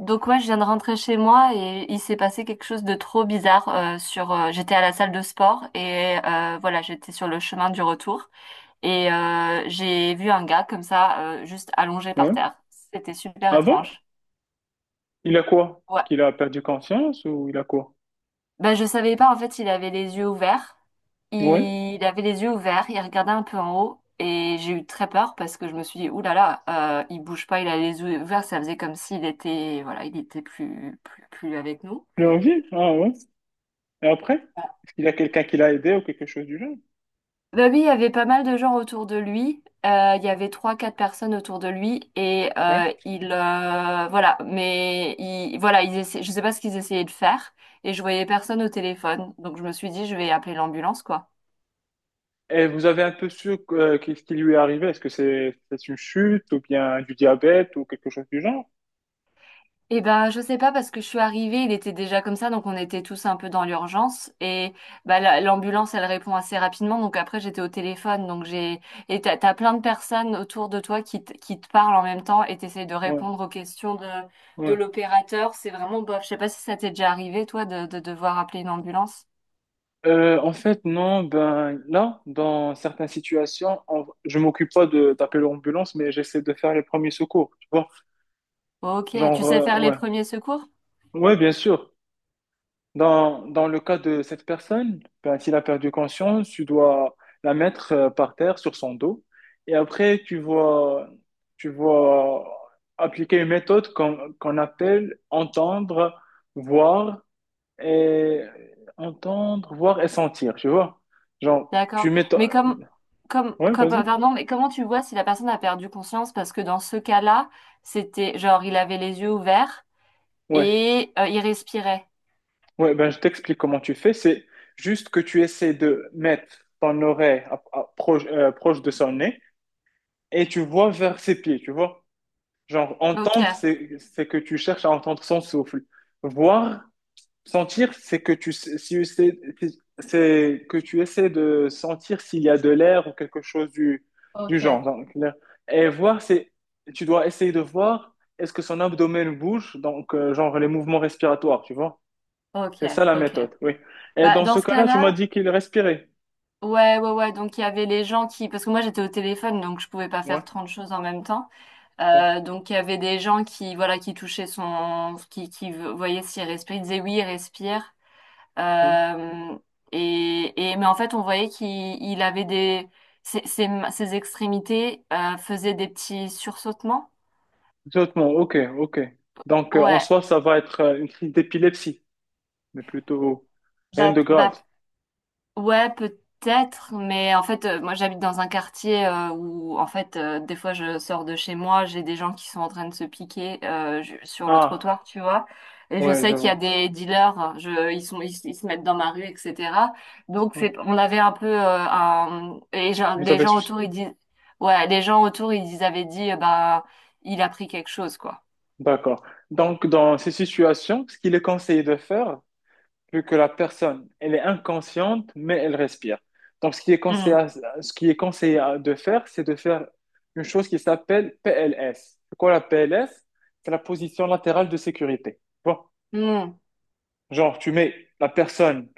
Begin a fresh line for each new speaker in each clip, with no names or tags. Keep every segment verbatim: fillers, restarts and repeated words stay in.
Donc ouais, je viens de rentrer chez moi et il s'est passé quelque chose de trop bizarre euh, sur euh, j'étais à la salle de sport et euh, voilà, j'étais sur le chemin du retour et euh, j'ai vu un gars comme ça euh, juste allongé par
Ouais.
terre. C'était super
Ah bon?
étrange.
Il a quoi? Est-ce
Ouais.
qu'il a perdu conscience ou il a quoi?
Ben je savais pas en fait, il avait les yeux ouverts.
Ouais.
Il avait les yeux ouverts, il regardait un peu en haut et j'ai eu très peur parce que je me suis dit ouh là là, euh, il bouge pas, il a les yeux ouverts, ça faisait comme s'il était voilà, il était plus plus plus avec nous.
Il est en vie? Ah ouais. Et après? Est-ce qu'il y a quelqu'un qui l'a aidé ou quelque chose du genre?
Bah oui, il y avait pas mal de gens autour de lui. Euh, il y avait trois, quatre personnes autour de lui et
Ouais.
euh, il euh, voilà. Mais il, voilà, ils essaient, je sais pas ce qu'ils essayaient de faire et je voyais personne au téléphone. Donc je me suis dit, je vais appeler l'ambulance, quoi.
Et vous avez un peu su euh, qu'est-ce qui lui est arrivé? Est-ce que c'est c'est une chute ou bien du diabète ou quelque chose du genre?
Eh ben, je sais pas parce que je suis arrivée, il était déjà comme ça, donc on était tous un peu dans l'urgence et bah la- l'ambulance elle répond assez rapidement, donc après j'étais au téléphone, donc j'ai et t'as t'as plein de personnes autour de toi qui te, qui te parlent en même temps et t'essayes de
Ouais.
répondre aux questions de de
Ouais.
l'opérateur, c'est vraiment bof. Je sais pas si ça t'est déjà arrivé toi de de devoir appeler une ambulance.
Euh, en fait, non, ben là, dans certaines situations, on- je m'occupe pas de d'appeler l'ambulance, mais j'essaie de faire les premiers secours, tu vois.
Ok, tu
Genre,
sais
euh,
faire les
ouais.
premiers secours?
Ouais, bien sûr. Dans, dans le cas de cette personne, ben, s'il a perdu conscience, tu dois la mettre euh, par terre sur son dos. Et après, tu vois, tu vois appliquer une méthode qu'on qu'on appelle entendre, voir et entendre, voir et sentir, tu vois. Genre,
D'accord,
tu mets...
mais
ta-
comme comme
Ouais,
comme euh,
vas-y.
pardon, mais comment tu vois si la personne a perdu conscience parce que dans ce cas-là c'était genre il avait les yeux ouverts.
Ouais.
Et euh, il respirait.
Ouais, ben, je t'explique comment tu fais. C'est juste que tu essaies de mettre ton oreille à- à- proche, euh, proche de son nez et tu vois vers ses pieds, tu vois. Genre,
Ok,
entendre, c'est, c'est que tu cherches à entendre son souffle. Voir, sentir, c'est que tu, sais- si c'est c'est que tu essaies de sentir s'il y a de l'air ou quelque chose du, du
ok,
genre. Donc, là. Et voir, c'est, tu dois essayer de voir est-ce que son abdomen bouge, donc, euh, genre, les mouvements respiratoires, tu vois.
ok,
C'est ça la
ok.
méthode, oui. Et
Bah,
dans
dans
ce
ce
cas-là, tu m'as
cas-là,
dit qu'il respirait.
ouais, ouais, ouais. Donc, il y avait les gens qui. Parce que moi, j'étais au téléphone, donc je pouvais pas
Ouais,
faire trente choses en même temps.
ouais,
Euh, donc, il y avait des gens qui, voilà, qui touchaient son. qui, qui voyaient s'il respirait. Ils disaient oui, il respire.
ouais.
Euh, et, et, mais en fait, on voyait qu'il il avait des. Ses, ses, ses extrémités euh, faisaient des petits sursautements.
Exactement, ok, ok. Donc, euh, en
Ouais.
soi, ça va être euh, une crise d'épilepsie, mais plutôt rien
Bah,
de grave.
bah, Ouais, peut-être, mais en fait, euh, moi j'habite dans un quartier euh, où, en fait, euh, des fois je sors de chez moi, j'ai des gens qui sont en train de se piquer euh, je- sur le
Ah,
trottoir, tu vois. Et je
ouais, je
sais qu'il y a
vois.
des dealers, je, ils sont, ils, ils se mettent dans ma rue, et cetera. Donc
Ouais.
c'est, on avait un peu euh, un, et je-
Vous
les
avez
gens
su.
autour ils disent, ouais, les gens autour ils, ils avaient dit, euh, bah, il a pris quelque chose, quoi.
D'accord. Donc, dans ces situations, ce qu'il est conseillé de faire, vu que la personne, elle est inconsciente, mais elle respire. Donc, ce qui est conseillé,
Hmm.
à- ce qui est conseillé à- de faire, c'est de faire une chose qui s'appelle P L S. C'est quoi la P L S? C'est la position latérale de sécurité. Bon,
Hmm.
genre, tu mets la personne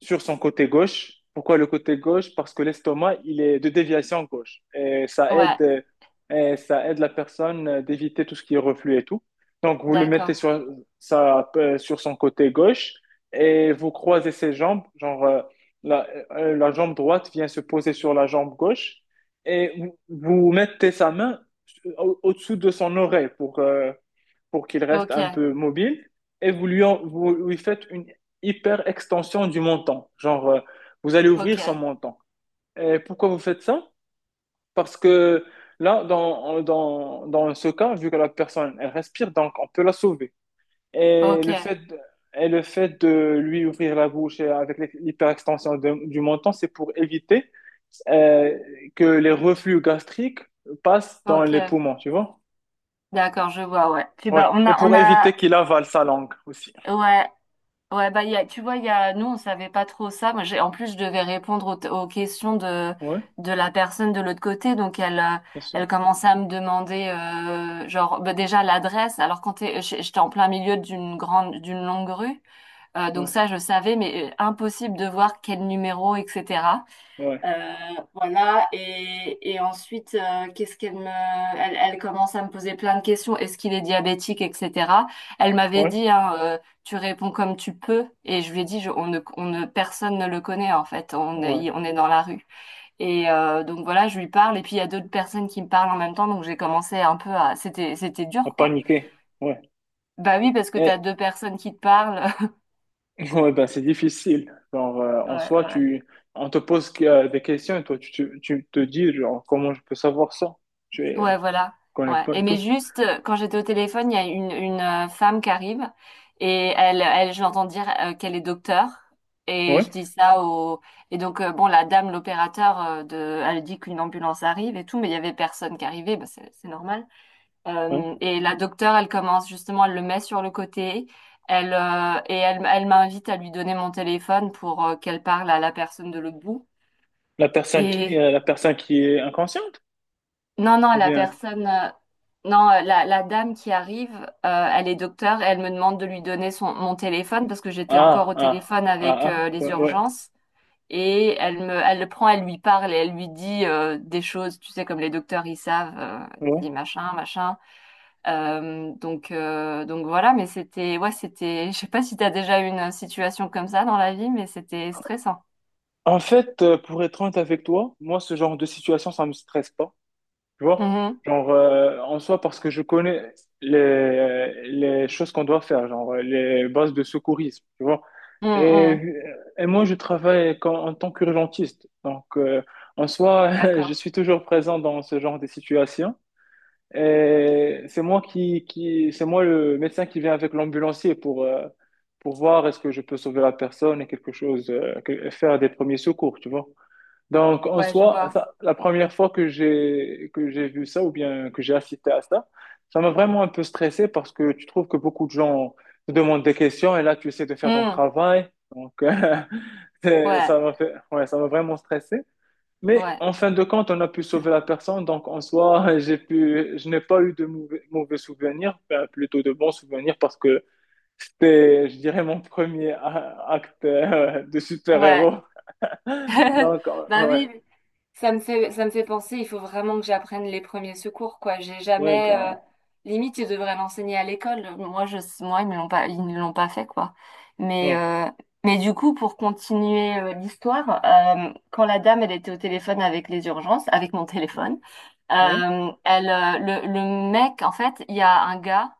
sur son côté gauche. Pourquoi le côté gauche? Parce que l'estomac, il est de déviation gauche. Et ça aide,
Ouais,
euh, et ça aide la personne euh, d'éviter tout ce qui est reflux et tout. Donc, vous le mettez
d'accord.
sur, ça, euh, sur son côté gauche et vous croisez ses jambes. Genre, euh, la, euh, la jambe droite vient se poser sur la jambe gauche et vous, vous mettez sa main au- au-dessous de son oreille pour, euh, pour qu'il reste
Ok,
un peu mobile et vous lui, en- vous lui faites une hyper extension du montant. Genre, euh, vous allez
ok,
ouvrir son montant. Et pourquoi vous faites ça? Parce que là, dans, dans, dans ce cas, vu que la personne, elle respire, donc on peut la sauver. Et
ok,
le fait, de- et le fait de lui ouvrir la bouche et avec l'hyperextension de- du menton, c'est pour éviter euh, que les reflux gastriques passent dans les
ok.
poumons, tu vois?
D'accord, je vois, ouais. Puis
Ouais.
bah on
Et
a
pour
on a
éviter qu'il avale sa langue aussi.
ouais, ouais bah, il y a, tu vois, il y a nous, on savait pas trop ça. Moi j'ai en plus je devais répondre aux, t- aux questions de
Ouais.
de la personne de l'autre côté donc elle euh,
Bien sûr.
elle commençait à me demander euh, genre bah, déjà l'adresse. Alors quand t'es j'- j'étais en plein milieu d'une grande d'une longue rue euh, donc
Ouais,
ça je savais mais euh, impossible de voir quel numéro et cetera.
ouais,
Euh, voilà, et, et ensuite, euh, qu'est-ce qu'elle me... Elle, elle commence à me poser plein de questions. Est-ce qu'il est diabétique, et cetera. Elle m'avait
ouais,
dit, hein, euh, tu réponds comme tu peux. Et je lui ai dit, je- on ne, on ne, personne ne le connaît, en fait. On
ouais.
est, on est dans la rue. Et euh, donc voilà, je lui parle. Et puis, il y a d'autres personnes qui me parlent en même temps. Donc, j'ai commencé un peu à... C'était, c'était
À
dur, quoi.
paniquer. Ouais.
Bah oui, parce que t'as
Et,
deux personnes qui te parlent.
ouais, ben, c'est difficile. Genre, euh, en
Ouais,
soi,
ouais.
tu, on te pose que- euh, des questions et toi, tu, tu, tu te dis, genre, comment je peux savoir ça? Je ne
Ouais, voilà.
connais
Ouais.
pas et
Et mais
tout.
juste, euh, quand j'étais au téléphone, il y a une, une euh, femme qui arrive et elle, elle, je l'entends dire euh, qu'elle est docteur. Et
Ouais,
je dis ça au... Et donc, euh, bon, la dame, l'opérateur, euh, de... elle dit qu'une ambulance arrive et tout, mais il y avait personne qui arrivait, bah, c'est c'est normal.
ouais.
Euh, et la docteure, elle commence justement, elle le met sur le côté. Elle, euh, et elle, elle m'invite à lui donner mon téléphone pour euh, qu'elle parle à la personne de l'autre bout.
La personne qui,
Et
euh, la personne qui est inconsciente?
Non, non,
Ou
la
bien,
personne, euh, non, euh, la, la dame qui arrive, euh, elle est docteur et elle me demande de lui donner son, mon téléphone parce que j'étais encore
ah,
au
ah,
téléphone
ah,
avec
ah,
euh, les
ouais, ouais,
urgences et elle me, elle le prend, elle lui parle et elle lui dit euh, des choses, tu sais, comme les docteurs ils savent, euh, dit
ouais.
machin, machin. Euh, donc, euh, donc voilà, mais c'était, ouais, c'était, je sais pas si t'as déjà eu une situation comme ça dans la vie, mais c'était stressant.
En fait, euh, pour être honnête avec toi, moi, ce genre de situation, ça me stresse pas. Tu vois?
Mhm.
Genre, euh, en soi, parce que je connais les, les choses qu'on doit faire, genre euh, les bases de secourisme, tu vois?
Mm,
Et,
mm.
euh, et moi, je travaille comme- en tant qu'urgentiste. Donc, euh, en soi, je
D'accord.
suis toujours présent dans ce genre de situation. Et c'est moi qui, qui, c'est moi le médecin qui vient avec l'ambulancier pour, euh, pour voir est-ce que je peux sauver la personne et quelque chose, euh, que- faire des premiers secours, tu vois? Donc, en
Ouais, je
soi,
vois.
ça, la première fois que j'ai que j'ai vu ça ou bien que j'ai assisté à ça, ça m'a vraiment un peu stressé parce que tu trouves que beaucoup de gens te demandent des questions et là, tu essaies de faire ton
Mm.
travail. Donc, euh, c'est-
Ouais,
ça m'a fait, ouais, ça m'a vraiment stressé. Mais
ouais,
en fin de compte, on a pu sauver la personne. Donc, en soi, j'ai pu, je n'ai pas eu de mauvais, mauvais souvenirs, enfin, plutôt de bons souvenirs parce que c'était, je dirais, mon premier a- acte euh, de
ouais.
super-héros. Donc, euh,
Bah oui,
ouais,
oui. ça me fait, ça me fait penser, il faut vraiment que j'apprenne les premiers secours, quoi. J'ai
ouais,
jamais, euh,
ben.
limite, ils devraient l'enseigner à l'école. Moi, je, moi, ils me l'ont pas, ils ne l'ont pas fait, quoi. Mais,
Ouais,
euh, mais du coup, pour continuer, euh, l'histoire, euh, quand la dame, elle était au téléphone avec les urgences, avec mon téléphone,
ouais,
euh, elle, euh, le, le mec, en fait, il y a un gars.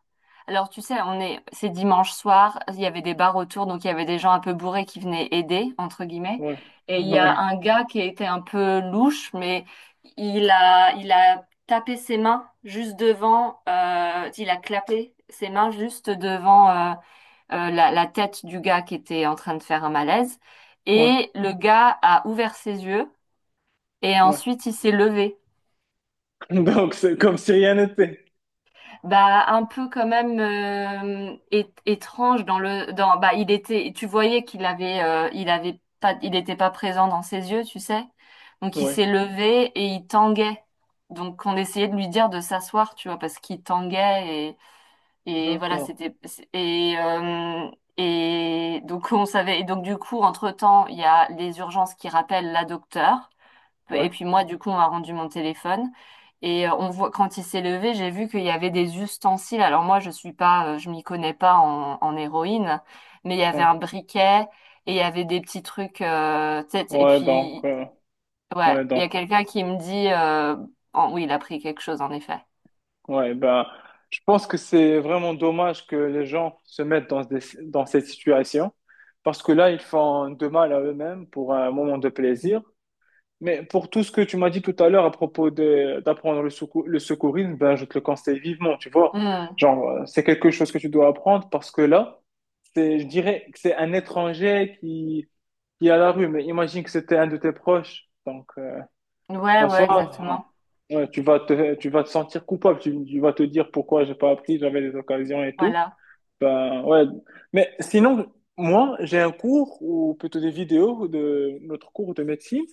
Alors, tu sais, on est, c'est dimanche soir, il y avait des bars autour, donc il y avait des gens un peu bourrés qui venaient aider, entre guillemets.
ouais,
Et il y a
ouais,
un gars qui était un peu louche, mais il a, il a tapé ses mains juste devant, euh, il a clapé ses mains juste devant euh, euh, la, la tête du gars qui était en train de faire un malaise.
ouais,
Et le gars a ouvert ses yeux et
ouais.
ensuite il s'est levé.
Donc, c'est comme si rien n'était.
Bah, un peu quand même euh, é- étrange, dans le dans bah il était, tu voyais qu'il avait euh, il avait pas, il était pas présent dans ses yeux, tu sais. Donc il
Ouais,
s'est levé et il tanguait. Donc on essayait de lui dire de s'asseoir, tu vois, parce qu'il tanguait et et voilà,
d'accord.
c'était c'est- et euh, et donc on savait et donc du coup entre-temps, il y a les urgences qui rappellent la docteure
Ouais,
et puis moi, du coup, on a rendu mon téléphone. Et euh, on voit, quand il s'est levé, j'ai vu qu'il y avait des ustensiles. Alors moi, je suis pas, euh, je m'y connais pas en, en héroïne, mais il y avait
ouais,
un briquet et il y avait des petits trucs. euh, Tu sais, et
ouais, donc,
puis,
euh,
ouais,
ouais,
il y
donc,
a quelqu'un qui me dit, euh, oh, oui, il a pris quelque chose en effet.
ouais, ben, je pense que c'est vraiment dommage que les gens se mettent dans, des- dans cette situation parce que là, ils font de mal à eux-mêmes pour un moment de plaisir. Mais pour tout ce que tu m'as dit tout à l'heure à propos de d'apprendre le, secou- le secourisme, ben, je te le conseille vivement, tu vois.
Hmm.
Genre, euh, c'est quelque chose que tu dois apprendre parce que là, c'est, je dirais que c'est un étranger qui, qui est à la rue, mais imagine que c'était un de tes proches. Donc, euh,
Ouais,
en
ouais,
soi,
exactement.
euh, ouais, tu vas te, tu vas te sentir coupable. Tu, tu vas te dire pourquoi j'ai pas appris, j'avais des occasions et tout.
Voilà.
Ben, ouais. Mais sinon, moi, j'ai un cours ou plutôt des vidéos de notre cours de médecine.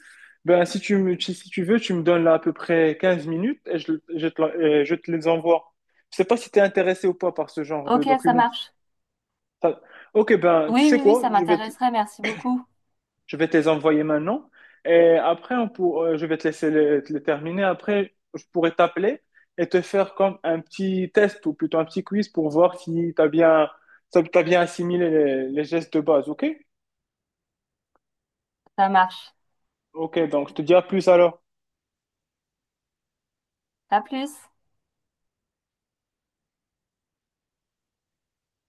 Ben, si tu me, si si tu veux, tu me donnes là à peu près quinze minutes et je, je te, la- euh, je te les envoie. Je sais pas si tu es intéressé ou pas par ce genre de
Ok, ça
documents.
marche.
Ça- Ok, ben, tu
Oui,
sais
oui, oui,
quoi?
ça
Je vais te
m'intéresserait. Merci beaucoup.
Je vais te les envoyer maintenant. Et après, on pour... euh, je vais te laisser les, te les terminer. Après, je pourrais t'appeler et te faire comme un petit test ou plutôt un petit quiz pour voir si tu as bien, si t'as bien assimilé les, les gestes de base. OK?
Ça marche.
OK, donc je te dis à plus alors.
À plus.